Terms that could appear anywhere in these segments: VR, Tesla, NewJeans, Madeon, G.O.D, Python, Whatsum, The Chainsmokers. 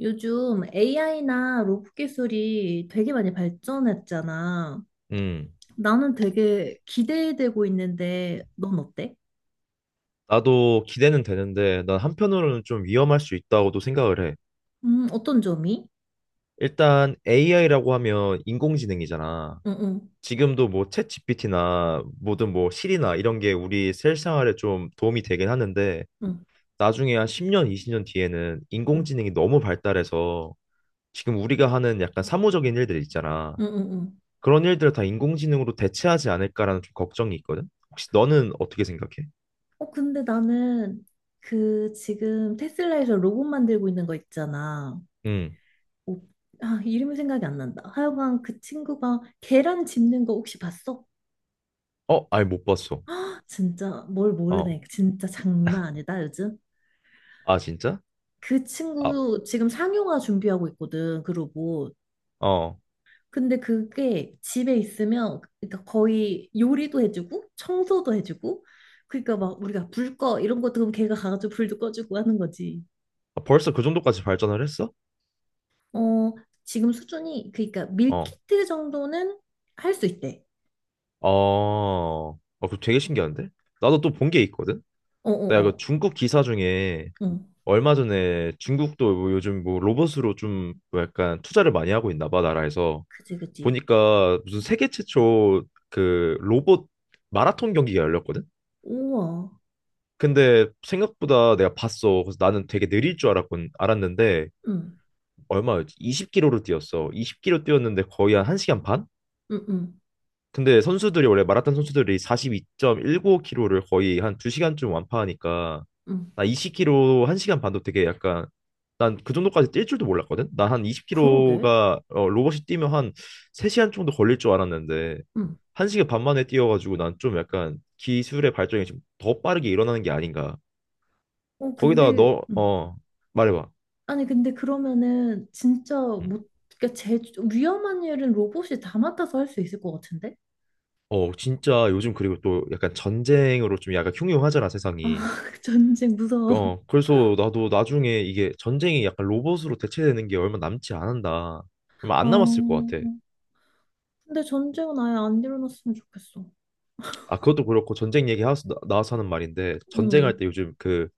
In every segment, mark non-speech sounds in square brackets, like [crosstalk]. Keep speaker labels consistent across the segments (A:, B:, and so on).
A: 요즘 AI나 로봇 기술이 되게 많이 발전했잖아.
B: 음,
A: 나는 되게 기대되고 있는데, 넌 어때?
B: 나도 기대는 되는데, 난 한편으로는 좀 위험할 수 있다고도 생각을 해.
A: 어떤 점이?
B: 일단 AI라고 하면 인공지능이잖아.
A: 응, 응,
B: 지금도 뭐 챗 GPT나 뭐든 뭐 실이나 이런 게 우리 실생활에 좀 도움이 되긴 하는데,
A: 응,
B: 나중에 한 10년, 20년 뒤에는
A: 응,
B: 인공지능이 너무 발달해서 지금 우리가 하는 약간 사무적인 일들 있잖아.
A: 응, 응. 응. 응.
B: 그런 일들을 다 인공지능으로 대체하지 않을까라는 좀 걱정이 있거든. 혹시 너는 어떻게 생각해?
A: 어, 근데 나는 그 지금 테슬라에서 로봇 만들고 있는 거 있잖아.
B: 음.
A: 어, 아, 이름이 생각이 안 난다. 하여간 그 친구가 계란 집는 거 혹시 봤어?
B: 어, 아니 못 봤어.
A: 진짜 뭘 모르네.
B: 어.
A: 진짜 장난 아니다, 요즘.
B: 아, 진짜?
A: 그
B: 아,
A: 친구 지금 상용화 준비하고 있거든, 그 로봇.
B: 어.
A: 근데 그게 집에 있으면 그러니까 거의 요리도 해주고 청소도 해주고 그러니까 막 우리가 불 꺼 이런 것도 그럼 걔가 가가지고 불도 꺼주고 하는 거지.
B: 아, 벌써 그 정도까지 발전을 했어?
A: 어, 지금 수준이 그러니까
B: 어.
A: 밀키트 정도는 할 수 있대.
B: 어. 어, 그거 되게 신기한데? 나도 또 본 게 있거든?
A: 어,
B: 내가
A: 어,
B: 그
A: 어.
B: 중국 기사 중에
A: 응.
B: 얼마 전에 중국도 뭐 요즘 뭐 로봇으로 좀뭐 약간 투자를 많이 하고 있나 봐, 나라에서.
A: 그지, 그지.
B: 보니까 무슨 세계 최초 그 로봇 마라톤 경기가 열렸거든?
A: 우와.
B: 근데 생각보다 내가 봤어. 그래서 나는 되게 느릴 줄 알았는데
A: 응.
B: 얼마였지? 20km를 뛰었어. 20km 뛰었는데 거의 한 1시간 반?
A: 응, 응.
B: 근데 선수들이 원래 마라톤 선수들이 42.195km를 거의 한 2시간쯤 완파하니까
A: 응.
B: 나 20km 1시간 반도 되게 약간 난 그 정도까지 뛸 줄도 몰랐거든. 나 한
A: 그러게.
B: 20km가 로봇이 뛰면 한 3시간 정도 걸릴 줄 알았는데
A: 응.
B: 1시간 반 만에 뛰어가지고 난 좀 약간 기술의 발전이 좀 더 빠르게 일어나는 게 아닌가.
A: 어,
B: 거기다가
A: 근데
B: 너,
A: 응.
B: 말해봐.
A: 아니 근데 그러면은 진짜
B: 음.
A: 못 그러니까 제 위험한 일은 로봇이 다 맡아서 할 수 있을 것 같은데?
B: 어, 진짜 요즘 그리고 또 약간 전쟁으로 좀 약간 흉흉하잖아,
A: 아
B: 세상이.
A: [laughs] 전쟁 무서워.
B: 어, 그래서 나도 나중에 이게 전쟁이 약간 로봇으로 대체되는 게 얼마 남지 않은다. 얼마
A: 어,
B: 안 남았을 것 같아.
A: 근데 전쟁은 아예 안 일어났으면 좋겠어.
B: 아, 그것도 그렇고 전쟁 얘기 나와서 하는 말인데 전쟁할
A: 응,
B: 때 요즘 그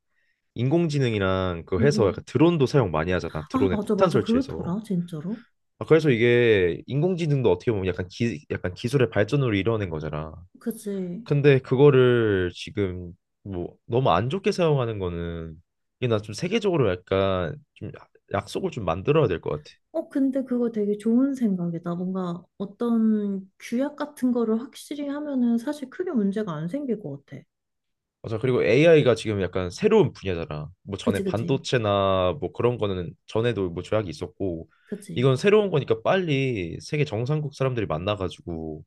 B: 인공지능이랑 그
A: 응,
B: 해서 약간
A: 응.
B: 드론도 사용 많이 하잖아.
A: 아
B: 드론에
A: 맞아
B: 폭탄
A: 맞아
B: 설치해서.
A: 그렇더라 진짜로.
B: 아, 그래서 이게 인공지능도 어떻게 보면 약간 약간 기술의 발전으로 이뤄낸 거잖아.
A: 그치.
B: 근데 그거를 지금 뭐 너무 안 좋게 사용하는 거는 이게 나 좀 세계적으로 약간 좀 약속을 좀 만들어야 될 것 같아.
A: 어 근데 그거 되게 좋은 생각이다. 뭔가 어떤 규약 같은 거를 확실히 하면은 사실 크게 문제가 안 생길 것 같아.
B: 맞아. 그리고 AI가 지금 약간 새로운 분야잖아. 뭐
A: 그치
B: 전에
A: 그치
B: 반도체나 뭐 그런 거는 전에도 뭐 조약이 있었고
A: 그치.
B: 이건 새로운 거니까 빨리 세계 정상국 사람들이 만나가지고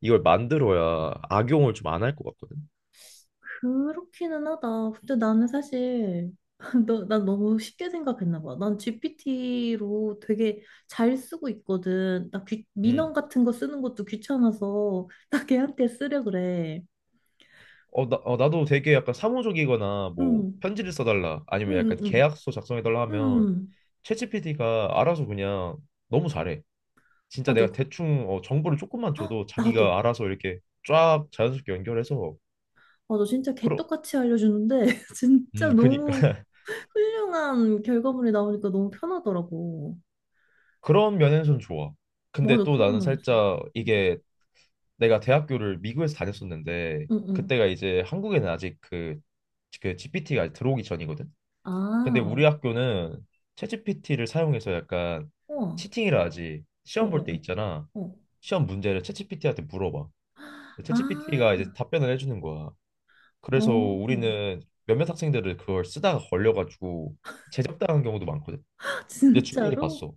B: 이걸 만들어야 악용을 좀 안 할 것 같거든.
A: 그렇기는 하다. 근데 나는 사실 [laughs] 너, 난 너무 쉽게 생각했나 봐. 난 GPT로 되게 잘 쓰고 있거든. 나 귀, 민원
B: 음.
A: 같은 거 쓰는 것도 귀찮아서 [laughs] 나 걔한테 쓰려 그래.
B: 나도 되게 약간 사무적이거나 뭐
A: 응,
B: 편지를 써달라
A: 응,
B: 아니면 약간
A: 응, 응.
B: 계약서 작성해달라 하면
A: 응.
B: 챗GPT가 알아서 그냥 너무 잘해. 진짜
A: 맞아.
B: 내가
A: [gasps]
B: 대충 정보를 조금만
A: 헉,
B: 줘도 자기가
A: 나도.
B: 알아서 이렇게 쫙 자연스럽게 연결해서
A: 맞아. 진짜
B: 그러,
A: 개떡같이 알려주는데 [laughs] 진짜
B: 그니까
A: 너무
B: [laughs]
A: 훌륭한 결과물이 나오니까 너무 편하더라고.
B: 그런 면에서는 좋아. 근데
A: 맞아.
B: 또
A: 그런
B: 나는
A: 면에서.
B: 살짝
A: 응,
B: 이게 내가 대학교를 미국에서 다녔었는데
A: 응, 응.
B: 그때가 이제 한국에는 아직 그 GPT가 들어오기 전이거든.
A: 아,
B: 근데
A: 어.
B: 우리 학교는 챗GPT를 사용해서 약간
A: 우와.
B: 치팅이라 하지.
A: 어,
B: 시험 볼 때
A: 어,
B: 있잖아.
A: 어. 어.
B: 시험 문제를 챗GPT한테 물어봐.
A: 아,
B: 챗GPT가 이제 답변을 해주는 거야. 그래서
A: 어.
B: 우리는 몇몇 학생들을 그걸 쓰다가 걸려가지고 제적당한 경우도 많거든.
A: [laughs]
B: 내 주위에도
A: 진짜로?
B: 봤어.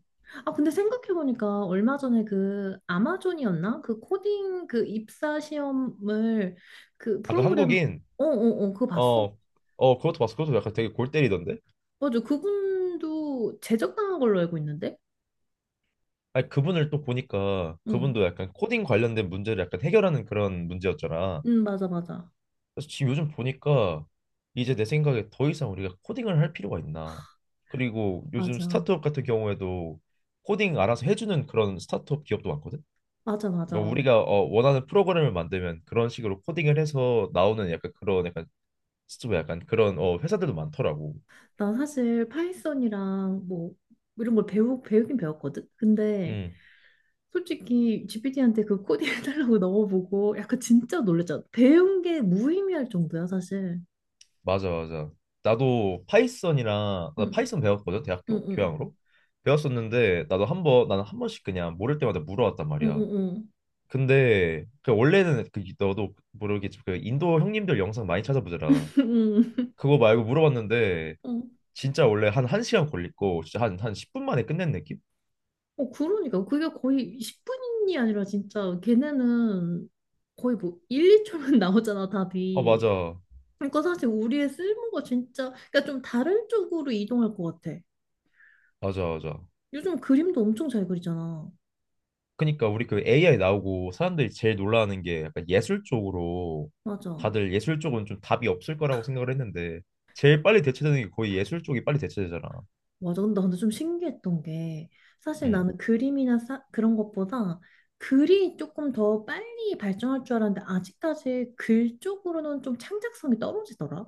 A: 아, 근데 생각해보니까 얼마 전에 그 아마존이었나? 그 코딩 그 입사 시험을 그
B: 아까
A: 프로그램,
B: 한국인.
A: 어, 어, 어, 그거 봤어?
B: 어, 그것도 봤어. 그것도 약간 되게 골 때리던데?
A: 맞아. 그분도 제적당한 걸로 알고 있는데?
B: 아니, 그분을 또 보니까
A: 응.
B: 그분도 약간 코딩 관련된 문제를 약간 해결하는 그런 문제였잖아.
A: 응, 맞아, 맞아.
B: 그래서 지금 요즘 보니까 이제 내 생각에 더 이상 우리가 코딩을 할 필요가 있나. 그리고 요즘
A: 맞아.
B: 스타트업 같은 경우에도 코딩 알아서 해주는 그런 스타트업 기업도 많거든?
A: 맞아,
B: 그러니까
A: 맞아.
B: 우리가 원하는 프로그램을 만들면 그런 식으로 코딩을 해서 나오는 약간 그런 약간 스튜브 약간 그런 회사들도 많더라고.
A: 난 사실 파이썬이랑 뭐 이런 걸 배우긴 배웠거든? 근데
B: 음.
A: 솔직히 GPT한테 그 코딩 해달라고 [laughs] 넣어보고 약간 진짜 놀랬잖아. 배운 게 무의미할 정도야, 사실.
B: 맞아, 맞아. 나도
A: 응,
B: 파이썬 배웠거든,
A: 응,
B: 대학교
A: 응,
B: 교양으로. 배웠었는데 나는 한 번씩 그냥 모를 때마다 물어왔단
A: 응,
B: 말이야.
A: 응, 응.
B: 근데 그 원래는 그 너도 모르겠지만 그 인도 형님들 영상 많이 찾아보더라.
A: [laughs]
B: 그거 말고 물어봤는데
A: 응.
B: 진짜 원래 한 1시간 걸리고 진짜 한 10분 만에 끝낸 느낌?
A: 어, 어, 그러니까. 그게 거의 10분이 아니라 진짜 걔네는 거의 뭐 1, 2초면 [laughs] 나오잖아,
B: 아,
A: 답이.
B: 맞아.
A: 그러니까 사실 우리의 쓸모가 진짜, 그러니까 좀 다른 쪽으로 이동할 것 같아.
B: 맞아, 맞아.
A: 요즘 그림도 엄청 잘 그리잖아.
B: 그니까 우리 그 AI 나오고 사람들이 제일 놀라는 게 약간 예술 쪽으로
A: 맞아.
B: 다들 예술 쪽은 좀 답이 없을 거라고 생각을 했는데 제일 빨리 대체되는 게 거의 예술 쪽이 빨리 대체되잖아.
A: 맞아. 근데 나는 좀 신기했던 게 사실
B: 음,
A: 나는 그림이나 사, 그런 것보다 글이 조금 더 빨리 발전할 줄 알았는데 아직까지 글 쪽으로는 좀 창작성이 떨어지더라.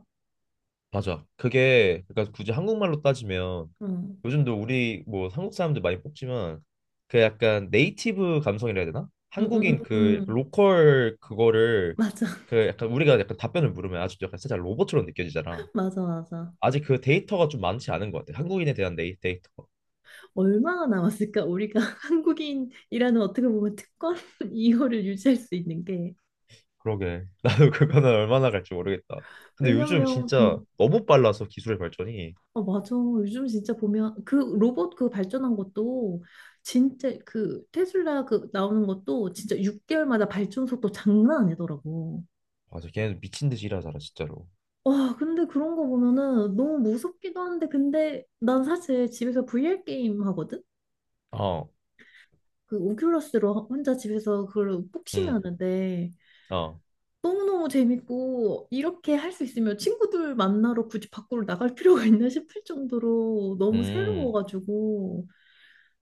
B: 맞아. 그게 그러니까 굳이 한국말로 따지면
A: 응.
B: 요즘도 우리 뭐 한국 사람들 많이 뽑지만 그 약간 네이티브 감성이라 해야 되나?
A: 응, 응,
B: 한국인
A: 응,
B: 그
A: 응.
B: 로컬 그거를
A: 맞아,
B: 그 약간 우리가 약간 답변을 물으면 아직도 약간 살짝 로봇처럼 느껴지잖아.
A: [laughs] 맞아, 맞아.
B: 아직 그 데이터가 좀 많지 않은 것 같아. 한국인에 대한 데이터.
A: 얼마나 남았을까? 우리가 [laughs] 한국인이라는 어떻게 보면 특권 [laughs] 이거를 유지할 수 있는 게.
B: 그러게. [laughs] 나도 그거는 얼마나 갈지 모르겠다. 근데 요즘
A: 왜냐면,
B: 진짜 너무 빨라서 기술의 발전이.
A: 아, 맞아. 요즘 진짜 보면 그 로봇 그 발전한 것도 진짜 그 테슬라 그 나오는 것도 진짜 6개월마다 발전 속도 장난 아니더라고.
B: 맞아, 걔네들 미친 듯이 일하잖아, 진짜로.
A: 와, 근데 그런 거 보면은 너무 무섭기도 한데 근데 난 사실 집에서 VR 게임 하거든?
B: 어.
A: 그 오큘러스로 혼자 집에서 그걸 복싱
B: 음.
A: 하는데
B: 어.
A: 너무너무 재밌고 이렇게 할 수 있으면 친구들 만나러 굳이 밖으로 나갈 필요가 있나 싶을 정도로 너무
B: 음.
A: 새로워가지고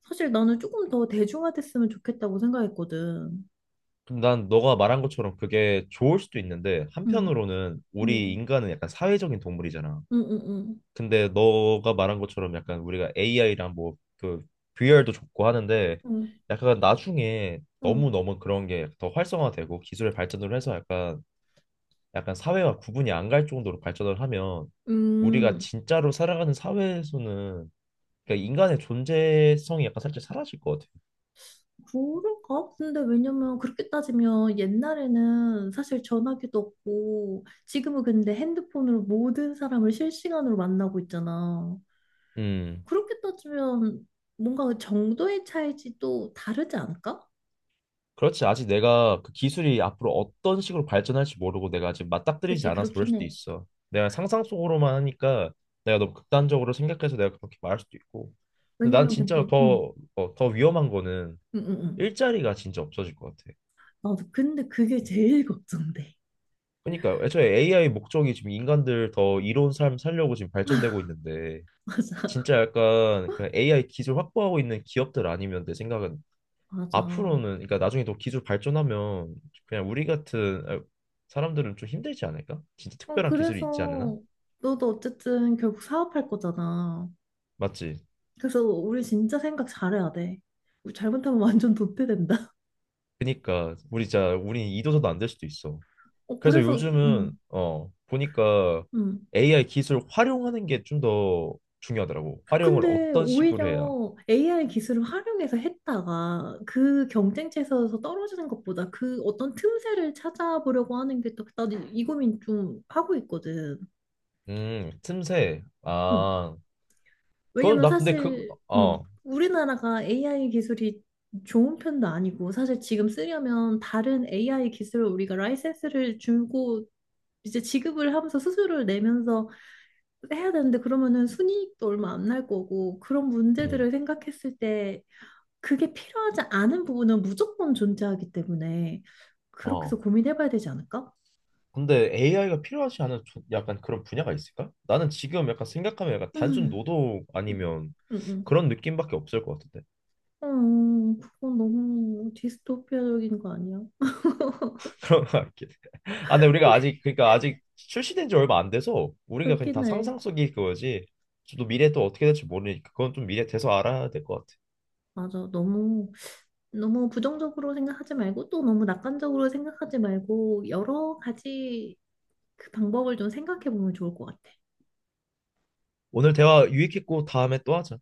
A: 사실 나는 조금 더 대중화됐으면 좋겠다고 생각했거든.
B: 근데 난 너가 말한 것처럼 그게 좋을 수도 있는데,
A: 응,
B: 한편으로는 우리
A: 응,
B: 인간은 약간 사회적인 동물이잖아.
A: 응, 응, 응,
B: 근데 너가 말한 것처럼 약간 우리가 AI랑 뭐 그 VR도 좋고 하는데,
A: 응,
B: 약간 나중에
A: 응.
B: 너무너무 그런 게 더 활성화되고 기술의 발전으로 해서 약간 사회와 구분이 안 갈 정도로 발전을 하면 우리가
A: 음,
B: 진짜로 살아가는 사회에서는 그러니까 인간의 존재성이 약간 살짝 사라질 것 같아.
A: 그럴까? 근데 왜냐면 그렇게 따지면 옛날에는 사실 전화기도 없고 지금은 근데 핸드폰으로 모든 사람을 실시간으로 만나고 있잖아.
B: 음.
A: 그렇게 따지면 뭔가 그 정도의 차이지 또 다르지 않을까?
B: 그렇지. 아직 내가 그 기술이 앞으로 어떤 식으로 발전할지 모르고 내가 아직 맞닥뜨리지
A: 그치,
B: 않아서 그럴
A: 그렇긴
B: 수도
A: 해.
B: 있어. 내가 상상 속으로만 하니까 내가 너무 극단적으로 생각해서 내가 그렇게 말할 수도 있고. 근데 난
A: 왜냐면
B: 진짜
A: 근데, 응,
B: 더 위험한 거는
A: 응, 응, 응.
B: 일자리가 진짜 없어질 것 같아.
A: 나 근데 그게 제일 걱정돼.
B: 그러니까 애초에 AI 목적이 지금 인간들 더 이로운 삶 살려고 지금 발전되고 있는데
A: [laughs] 맞아,
B: 진짜 약간 그 AI 기술 확보하고 있는 기업들 아니면 내 생각은
A: 맞아. 어,
B: 앞으로는 그러니까 나중에 더 기술 발전하면 그냥 우리 같은 사람들은 좀 힘들지 않을까? 진짜 특별한 기술이 있지 않나.
A: 그래서 너도 어쨌든 결국 사업할 거잖아.
B: 맞지?
A: 그래서 우리 진짜 생각 잘해야 돼. 우리 잘못하면 완전 도태된다. [laughs]
B: 그니까 우리 진짜 우리 이도서도 안 될 수도 있어.
A: 어,
B: 그래서
A: 그래서, 이- 응,
B: 요즘은 보니까
A: 응.
B: AI 기술 활용하는 게 좀 더 중요하더라고. 활용을
A: 근데
B: 어떤 식으로 해야?
A: 오히려 AI 기술을 활용해서 했다가 그 경쟁체에서 떨어지는 것보다 그 어떤 틈새를 찾아보려고 하는 게 또, 나도 이 고민 좀 하고 있거든.
B: 틈새.
A: 응.
B: 아, 그건
A: 왜냐면
B: 나 근데 그.
A: 사실, 응.
B: 어.
A: 우리나라가 AI 기술이 좋은 편도 아니고, 사실 지금 쓰려면 다른 AI 기술을 우리가 라이센스를 주고, 이제 지급을 하면서 수수료를 내면서 해야 되는데 그러면은 순이익도 얼마 안 날 거고 그런 문제들을
B: 음.
A: 생각했을 때 그게 필요하지 않은 부분은 무조건 존재하기 때문에 그렇게 해서
B: 어.
A: 고민해봐야 되지 않을까?
B: 근데 AI가 필요하지 않은 약간 그런 분야가 있을까? 나는 지금 약간 생각하면 약간 단순
A: 음,
B: 노동
A: 음,
B: 아니면
A: 음,
B: 그런 느낌밖에 없을 것 같은데
A: 어, 그건 너무 디스토피아적인 거 아니야?
B: [laughs] 그런 것 같긴 해. 아, 근데 우리가
A: [laughs]
B: 아직 그러니까 아직 출시된 지 얼마 안 돼서 우리가 그냥
A: 그렇긴
B: 다
A: 해.
B: 상상 속일 그거지. 저도 미래 또 어떻게 될지 모르니까 그건 좀 미래 돼서 알아야 될 것 같아.
A: 맞아. 너무, 너무 부정적으로 생각하지 말고 또 너무 낙관적으로 생각하지 말고 여러 가지 그 방법을 좀 생각해 보면 좋을 것 같아.
B: 오늘 대화 유익했고 다음에 또 하자.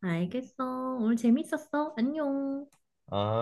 A: 알겠어. 오늘 재밌었어. 안녕.
B: 아.